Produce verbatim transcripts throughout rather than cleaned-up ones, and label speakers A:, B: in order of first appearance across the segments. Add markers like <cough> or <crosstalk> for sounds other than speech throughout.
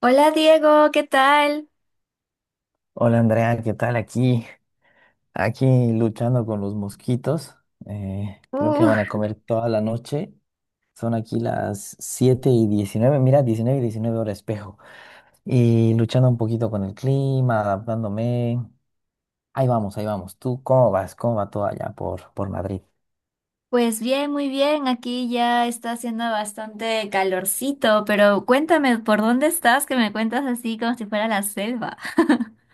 A: Hola Diego, ¿qué tal?
B: Hola Andrea, ¿qué tal? Aquí, aquí luchando con los mosquitos. Eh, creo que
A: Uh,
B: van a comer toda la noche. Son aquí las siete y diecinueve. Mira, diecinueve, y diecinueve horas espejo. Y luchando un poquito con el clima, adaptándome. Ahí vamos, ahí vamos. ¿Tú cómo vas? ¿Cómo va todo allá por, por Madrid?
A: pues bien, muy bien. Aquí ya está haciendo bastante calorcito, pero cuéntame, ¿por dónde estás? Que me cuentas así como si fuera la selva. <laughs>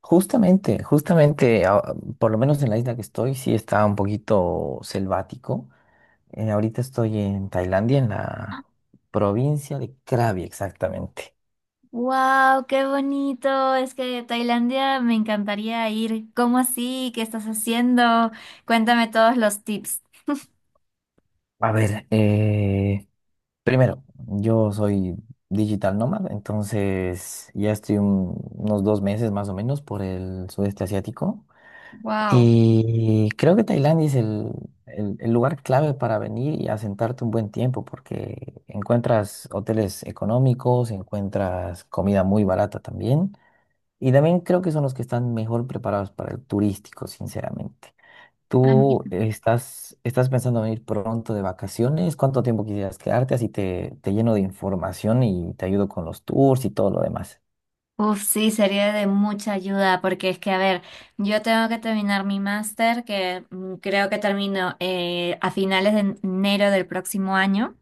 B: Justamente, justamente, ah, por lo menos en la isla que estoy, sí está un poquito selvático. Eh, ahorita estoy en Tailandia, en la provincia de Krabi, exactamente.
A: Wow, qué bonito. Es que Tailandia me encantaría ir. ¿Cómo así? ¿Qué estás haciendo? Cuéntame todos los tips.
B: A ver, eh, primero, yo soy digital nomad, entonces ya estoy un- unos dos meses más o menos por el sudeste asiático.
A: Wow.
B: Y creo que Tailandia es el, el- el lugar clave para venir y asentarte un buen tiempo, porque encuentras hoteles económicos, encuentras comida muy barata también. Y también creo que son los que están mejor preparados para el turístico, sinceramente. ¿Tú estás, estás pensando en ir pronto de vacaciones? ¿Cuánto tiempo quisieras quedarte? Así te, te lleno de información y te ayudo con los tours y todo lo demás.
A: Uf, sí, sería de mucha ayuda porque es que, a ver, yo tengo que terminar mi máster, que mm, creo que termino eh, a finales de enero del próximo año.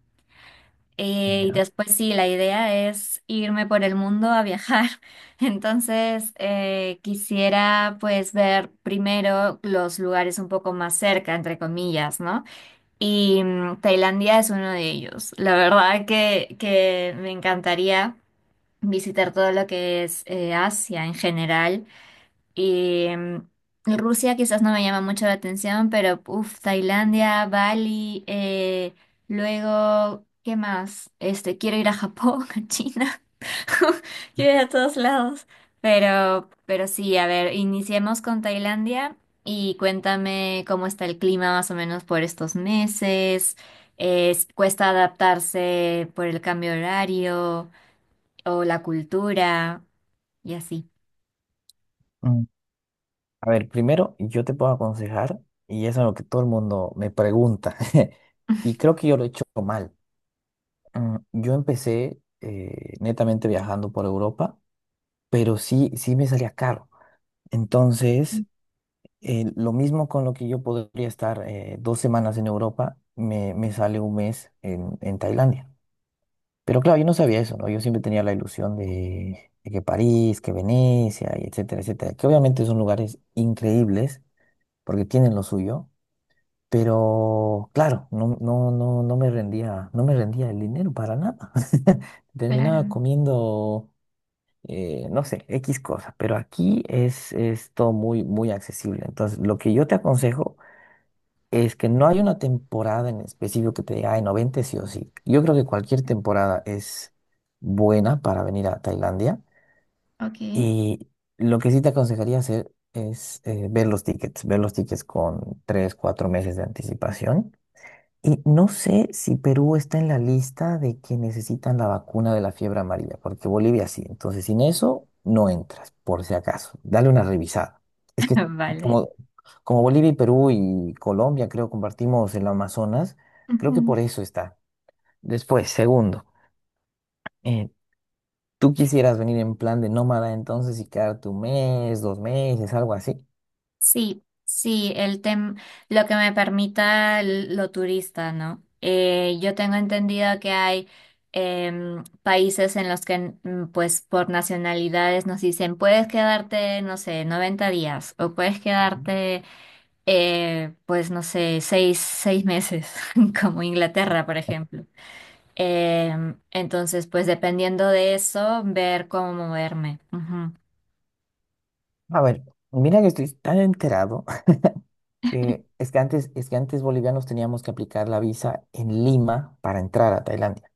A: eh, Y
B: ¿Ya?
A: después sí, la idea es irme por el mundo a viajar. <laughs> Entonces, eh, quisiera pues ver primero los lugares un poco más cerca, entre comillas, ¿no? Y mm, Tailandia es uno de ellos. La verdad que, que me encantaría visitar todo lo que es eh, Asia en general. Y mm, Rusia quizás no me llama mucho la atención, pero uff, Tailandia, Bali, eh, luego, ¿qué más? Este, quiero ir a Japón, <laughs> a China, <laughs> quiero ir a todos lados. Pero, pero sí, a ver, iniciemos con Tailandia y cuéntame cómo está el clima más o menos por estos meses. Es- cuesta adaptarse por el cambio de horario o la cultura y así.
B: Mm, A ver, primero yo te puedo aconsejar, y eso es lo que todo el mundo me pregunta, <laughs> y creo que yo lo he hecho mal. Mm, Yo empecé eh, netamente viajando por Europa, pero sí, sí me salía caro. Entonces, Eh, lo mismo con lo que yo podría estar eh, dos semanas en Europa, me, me sale un mes en, en Tailandia. Pero claro, yo no sabía eso, ¿no? Yo siempre tenía la ilusión de, de que París, que Venecia, y etcétera, etcétera, que obviamente son lugares increíbles porque tienen lo suyo, pero claro, no, no, no, no me rendía, no me rendía el dinero para nada. <laughs>
A: Claro,
B: Terminaba comiendo, eh, no sé, X cosas, pero aquí es, es todo muy, muy accesible. Entonces, lo que yo te aconsejo es que no hay una temporada en específico que te diga, ay, noventa sí o sí. Yo creo que cualquier temporada es buena para venir a Tailandia.
A: ok.
B: Y lo que sí te aconsejaría hacer es eh, ver los tickets, ver los tickets con tres cuatro meses de anticipación y no sé si Perú está en la lista de que necesitan la vacuna de la fiebre amarilla, porque Bolivia sí. Entonces, sin eso, no entras, por si acaso. Dale una revisada. Es que
A: <laughs> Vale.
B: como, como Bolivia y Perú y Colombia, creo, compartimos el Amazonas, creo que por
A: Ujú.
B: eso está. Después, segundo, eh, ¿tú quisieras venir en plan de nómada entonces y quedarte un mes, dos meses, algo así?
A: Sí, sí, el tem lo que me permita l- lo turista, ¿no? Eh, yo tengo entendido que hay em, países en los que, mm, pues, por nacionalidades nos dicen, puedes quedarte, no sé, noventa días o puedes
B: Ujú.
A: quedarte, eh, pues, no sé, seis, seis meses, <laughs> como Inglaterra, por ejemplo. Em, entonces, pues dependiendo de eso, ver cómo moverme. Ujú.
B: A ver, mira que estoy tan enterado que es que antes, es que antes bolivianos teníamos que aplicar la visa en Lima para entrar a Tailandia.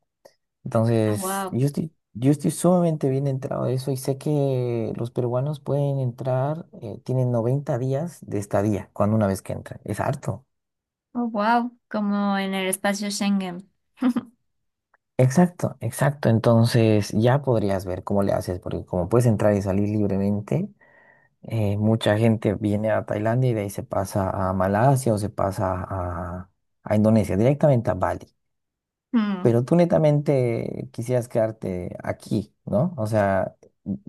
A: Ah,
B: Entonces,
A: wow.
B: yo estoy, yo estoy sumamente bien entrado de eso y sé que los peruanos pueden entrar, eh, tienen noventa días de estadía cuando una vez que entran. Es harto.
A: Oh, wow. Como en el espacio Schengen.
B: Exacto, exacto. Entonces, ya podrías ver cómo le haces, porque como puedes entrar y salir libremente, eh, mucha gente viene a Tailandia y de ahí se pasa a Malasia o se pasa a, a Indonesia, directamente a Bali.
A: Mm.
B: Pero tú netamente quisieras quedarte aquí, ¿no? O sea,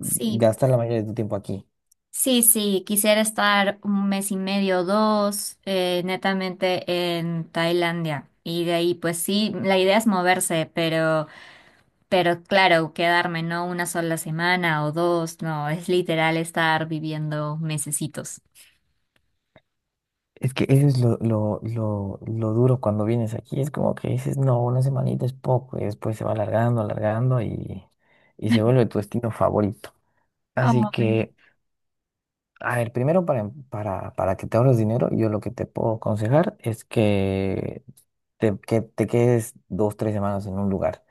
A: Sí,
B: la mayoría de tu tiempo aquí.
A: sí, sí. Quisiera estar un mes y medio, dos, eh, netamente en Tailandia. Y de ahí, pues sí, la idea es moverse, pero, pero claro, quedarme no una sola semana o dos, no, es literal estar viviendo mesecitos.
B: Es que eso es lo, lo, lo, lo duro cuando vienes aquí. Es como que dices, no, una semanita es poco. Y después se va alargando, alargando y, y se
A: <laughs>
B: vuelve tu destino favorito. Así
A: Ay,
B: que, a ver, primero para, em- para, para que te ahorres dinero, yo lo que te puedo aconsejar es que te, que te quedes dos, tres semanas en un lugar.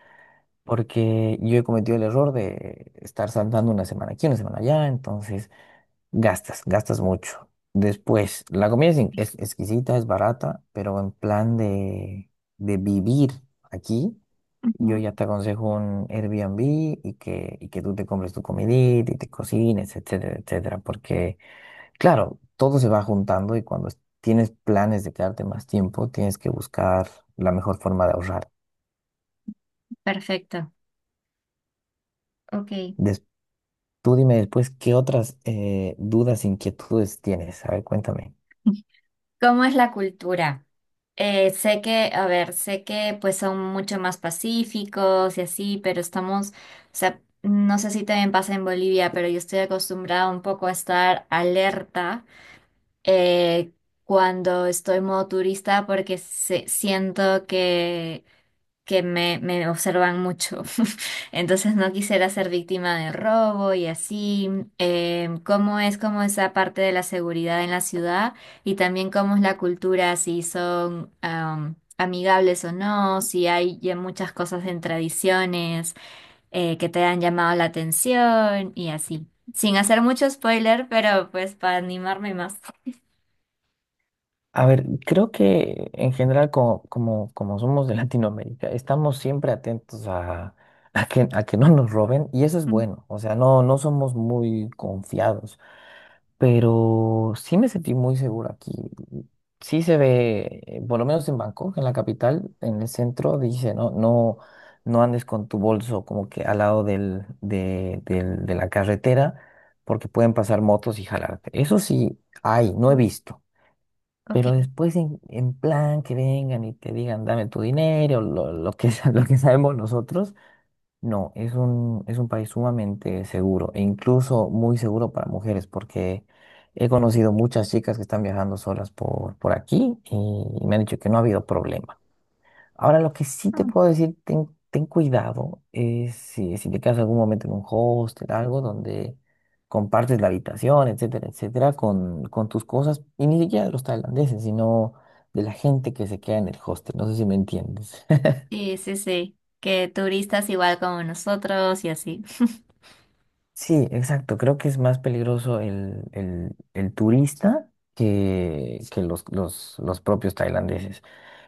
B: Porque yo he cometido el error de estar saltando una semana aquí, una semana allá, entonces gastas, gastas mucho. Después, la comida es, in- es exquisita, es barata, pero en plan de, de vivir aquí, yo
A: ujú.
B: ya te aconsejo un Airbnb y que, y que tú te compres tu comidita y te cocines, etcétera, etcétera. Porque, claro, todo se va juntando y cuando es- tienes planes de quedarte más tiempo, tienes que buscar la mejor forma de ahorrar.
A: Perfecto. Ok.
B: Tú dime después qué otras eh, dudas, inquietudes tienes. A ver, cuéntame.
A: <laughs> ¿Cómo es la cultura? Eh, sé que, a ver, sé que pues son mucho más pacíficos y así, pero estamos, o sea, no sé si también pasa en Bolivia, pero yo estoy acostumbrada un poco a estar alerta eh, cuando estoy en modo turista porque se- siento que que me, me observan mucho. <laughs> Entonces no quisiera ser víctima de robo y así. Em, ¿cómo es como esa parte de la seguridad en la ciudad? Y también cómo es la cultura, si son am, amigables o no, si hay ya muchas cosas en tradiciones eh, que te han llamado la atención y así. Sin hacer mucho spoiler, pero pues para animarme más. <laughs>
B: A ver, creo que en general, como, como, como somos de <laughs> Latinoamérica, estamos siempre atentos a, a que, a que no nos roben y eso es
A: Mm.
B: bueno. O sea, no, no somos muy confiados. Pero sí me sentí muy seguro aquí. Sí se ve, eh, por lo menos en Bangkok, en la capital, en el centro, dice, no, no, no andes con tu bolso como que al lado del, de, del- de la carretera, porque pueden pasar motos y jalarte. Eso sí hay, no he visto.
A: Ok.
B: Pero después en, en plan que vengan y te digan, dame tu dinero, lo, lo que, <laughs> sa- lo que sabemos nosotros no, es un, es un país sumamente seguro e incluso muy seguro para mujeres porque he conocido muchas chicas que están viajando solas por, por aquí y me han dicho que no ha habido problema. Ahora, lo que sí te
A: Mm.
B: puedo decir, ten, ten cuidado, es si, si te quedas algún momento en un hostel, algo donde compartes la habitación, etcétera, etcétera, con, con tus cosas y ni siquiera de los tailandeses, sino de la gente que se queda en el hostel. No sé si me entiendes.
A: Sí, sí, sí. Que turistas igual como nosotros y así.
B: Sí, exacto. Creo que es más peligroso el, el- el turista que, que los, los, los propios tailandeses.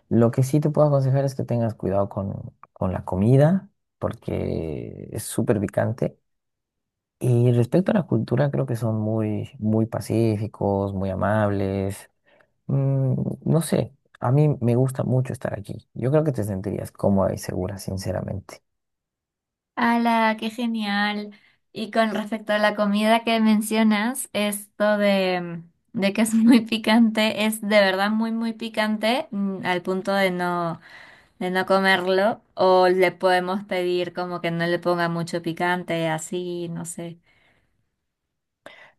B: Lo que sí te puedo aconsejar es que tengas cuidado con, con la comida, porque es súper picante. Y respecto a la cultura, creo que son muy, muy pacíficos, muy amables. Mm, no sé, a mí me gusta mucho estar aquí. Yo creo que te sentirías cómoda y segura, sinceramente.
A: ¡Hala! ¡Qué genial! Y con respecto a la comida que mencionas, esto de, de que es <laughs> muy picante, es de verdad muy, muy picante, mm, al punto de no, de no comerlo, o le podemos pedir como que no le ponga mucho picante, así, no sé.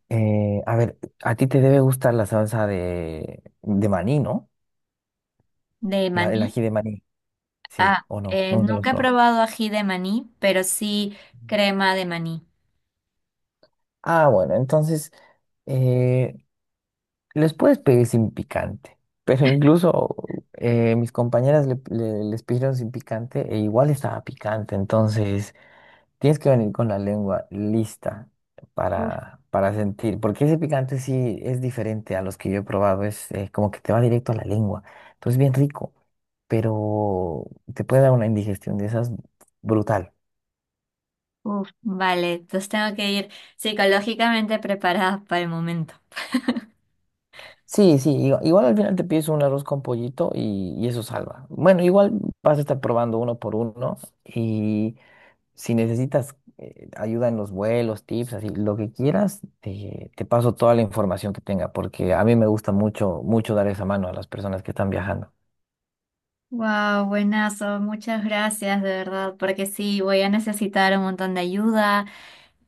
B: Eh, a ver, a ti te debe gustar la salsa de, de maní, ¿no?
A: ¿De
B: La- el
A: maní?
B: ají de maní, sí,
A: Ah,
B: o no,
A: eh,
B: nunca los
A: nunca he
B: probado.
A: probado ají de maní, pero sí
B: Mm.
A: crema de maní.
B: Ah, bueno, entonces eh, les puedes pedir sin picante, pero incluso eh, mis compañeras le- le- les pidieron sin picante e igual estaba picante, entonces tienes que venir con la lengua lista para, para sentir, porque ese picante sí es diferente a los que yo he probado, es eh, como que te va directo a la lengua, entonces bien rico, pero te puede dar una indigestión de esas brutal.
A: Uf, vale, entonces tengo que ir psicológicamente preparada para el momento. <laughs>
B: Sí, sí, igu- igual, al final te pides un arroz con pollito y, y eso salva. Bueno, igual vas a estar probando uno por uno y si necesitas eh, ayuda en los vuelos, tips, así, lo que quieras, te, te paso toda la información que tenga, porque a mí me gusta mucho, mucho dar esa mano a las personas que están viajando.
A: Wow, buenazo, muchas gracias de verdad, porque sí, voy a necesitar un montón de ayuda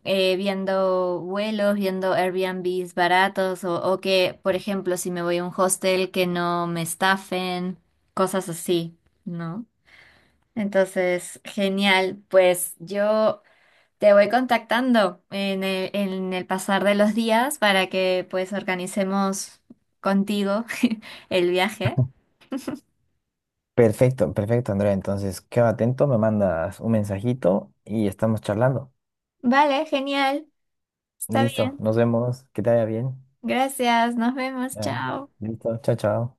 A: eh, viendo vuelos, viendo Airbnbs baratos o, o que, por ejemplo, si me voy a un hostel que no me estafen, cosas así, ¿no? Entonces, genial, pues yo te voy contactando en el, en el pasar de los días para que pues organicemos contigo <laughs> el viaje.
B: Perfecto, perfecto, Andrea. Entonces, queda atento, me mandas un mensajito y estamos charlando.
A: Vale, genial, está
B: Listo,
A: bien.
B: nos vemos, que te vaya bien.
A: Gracias, nos vemos,
B: Ya,
A: chao.
B: listo, chao, chao.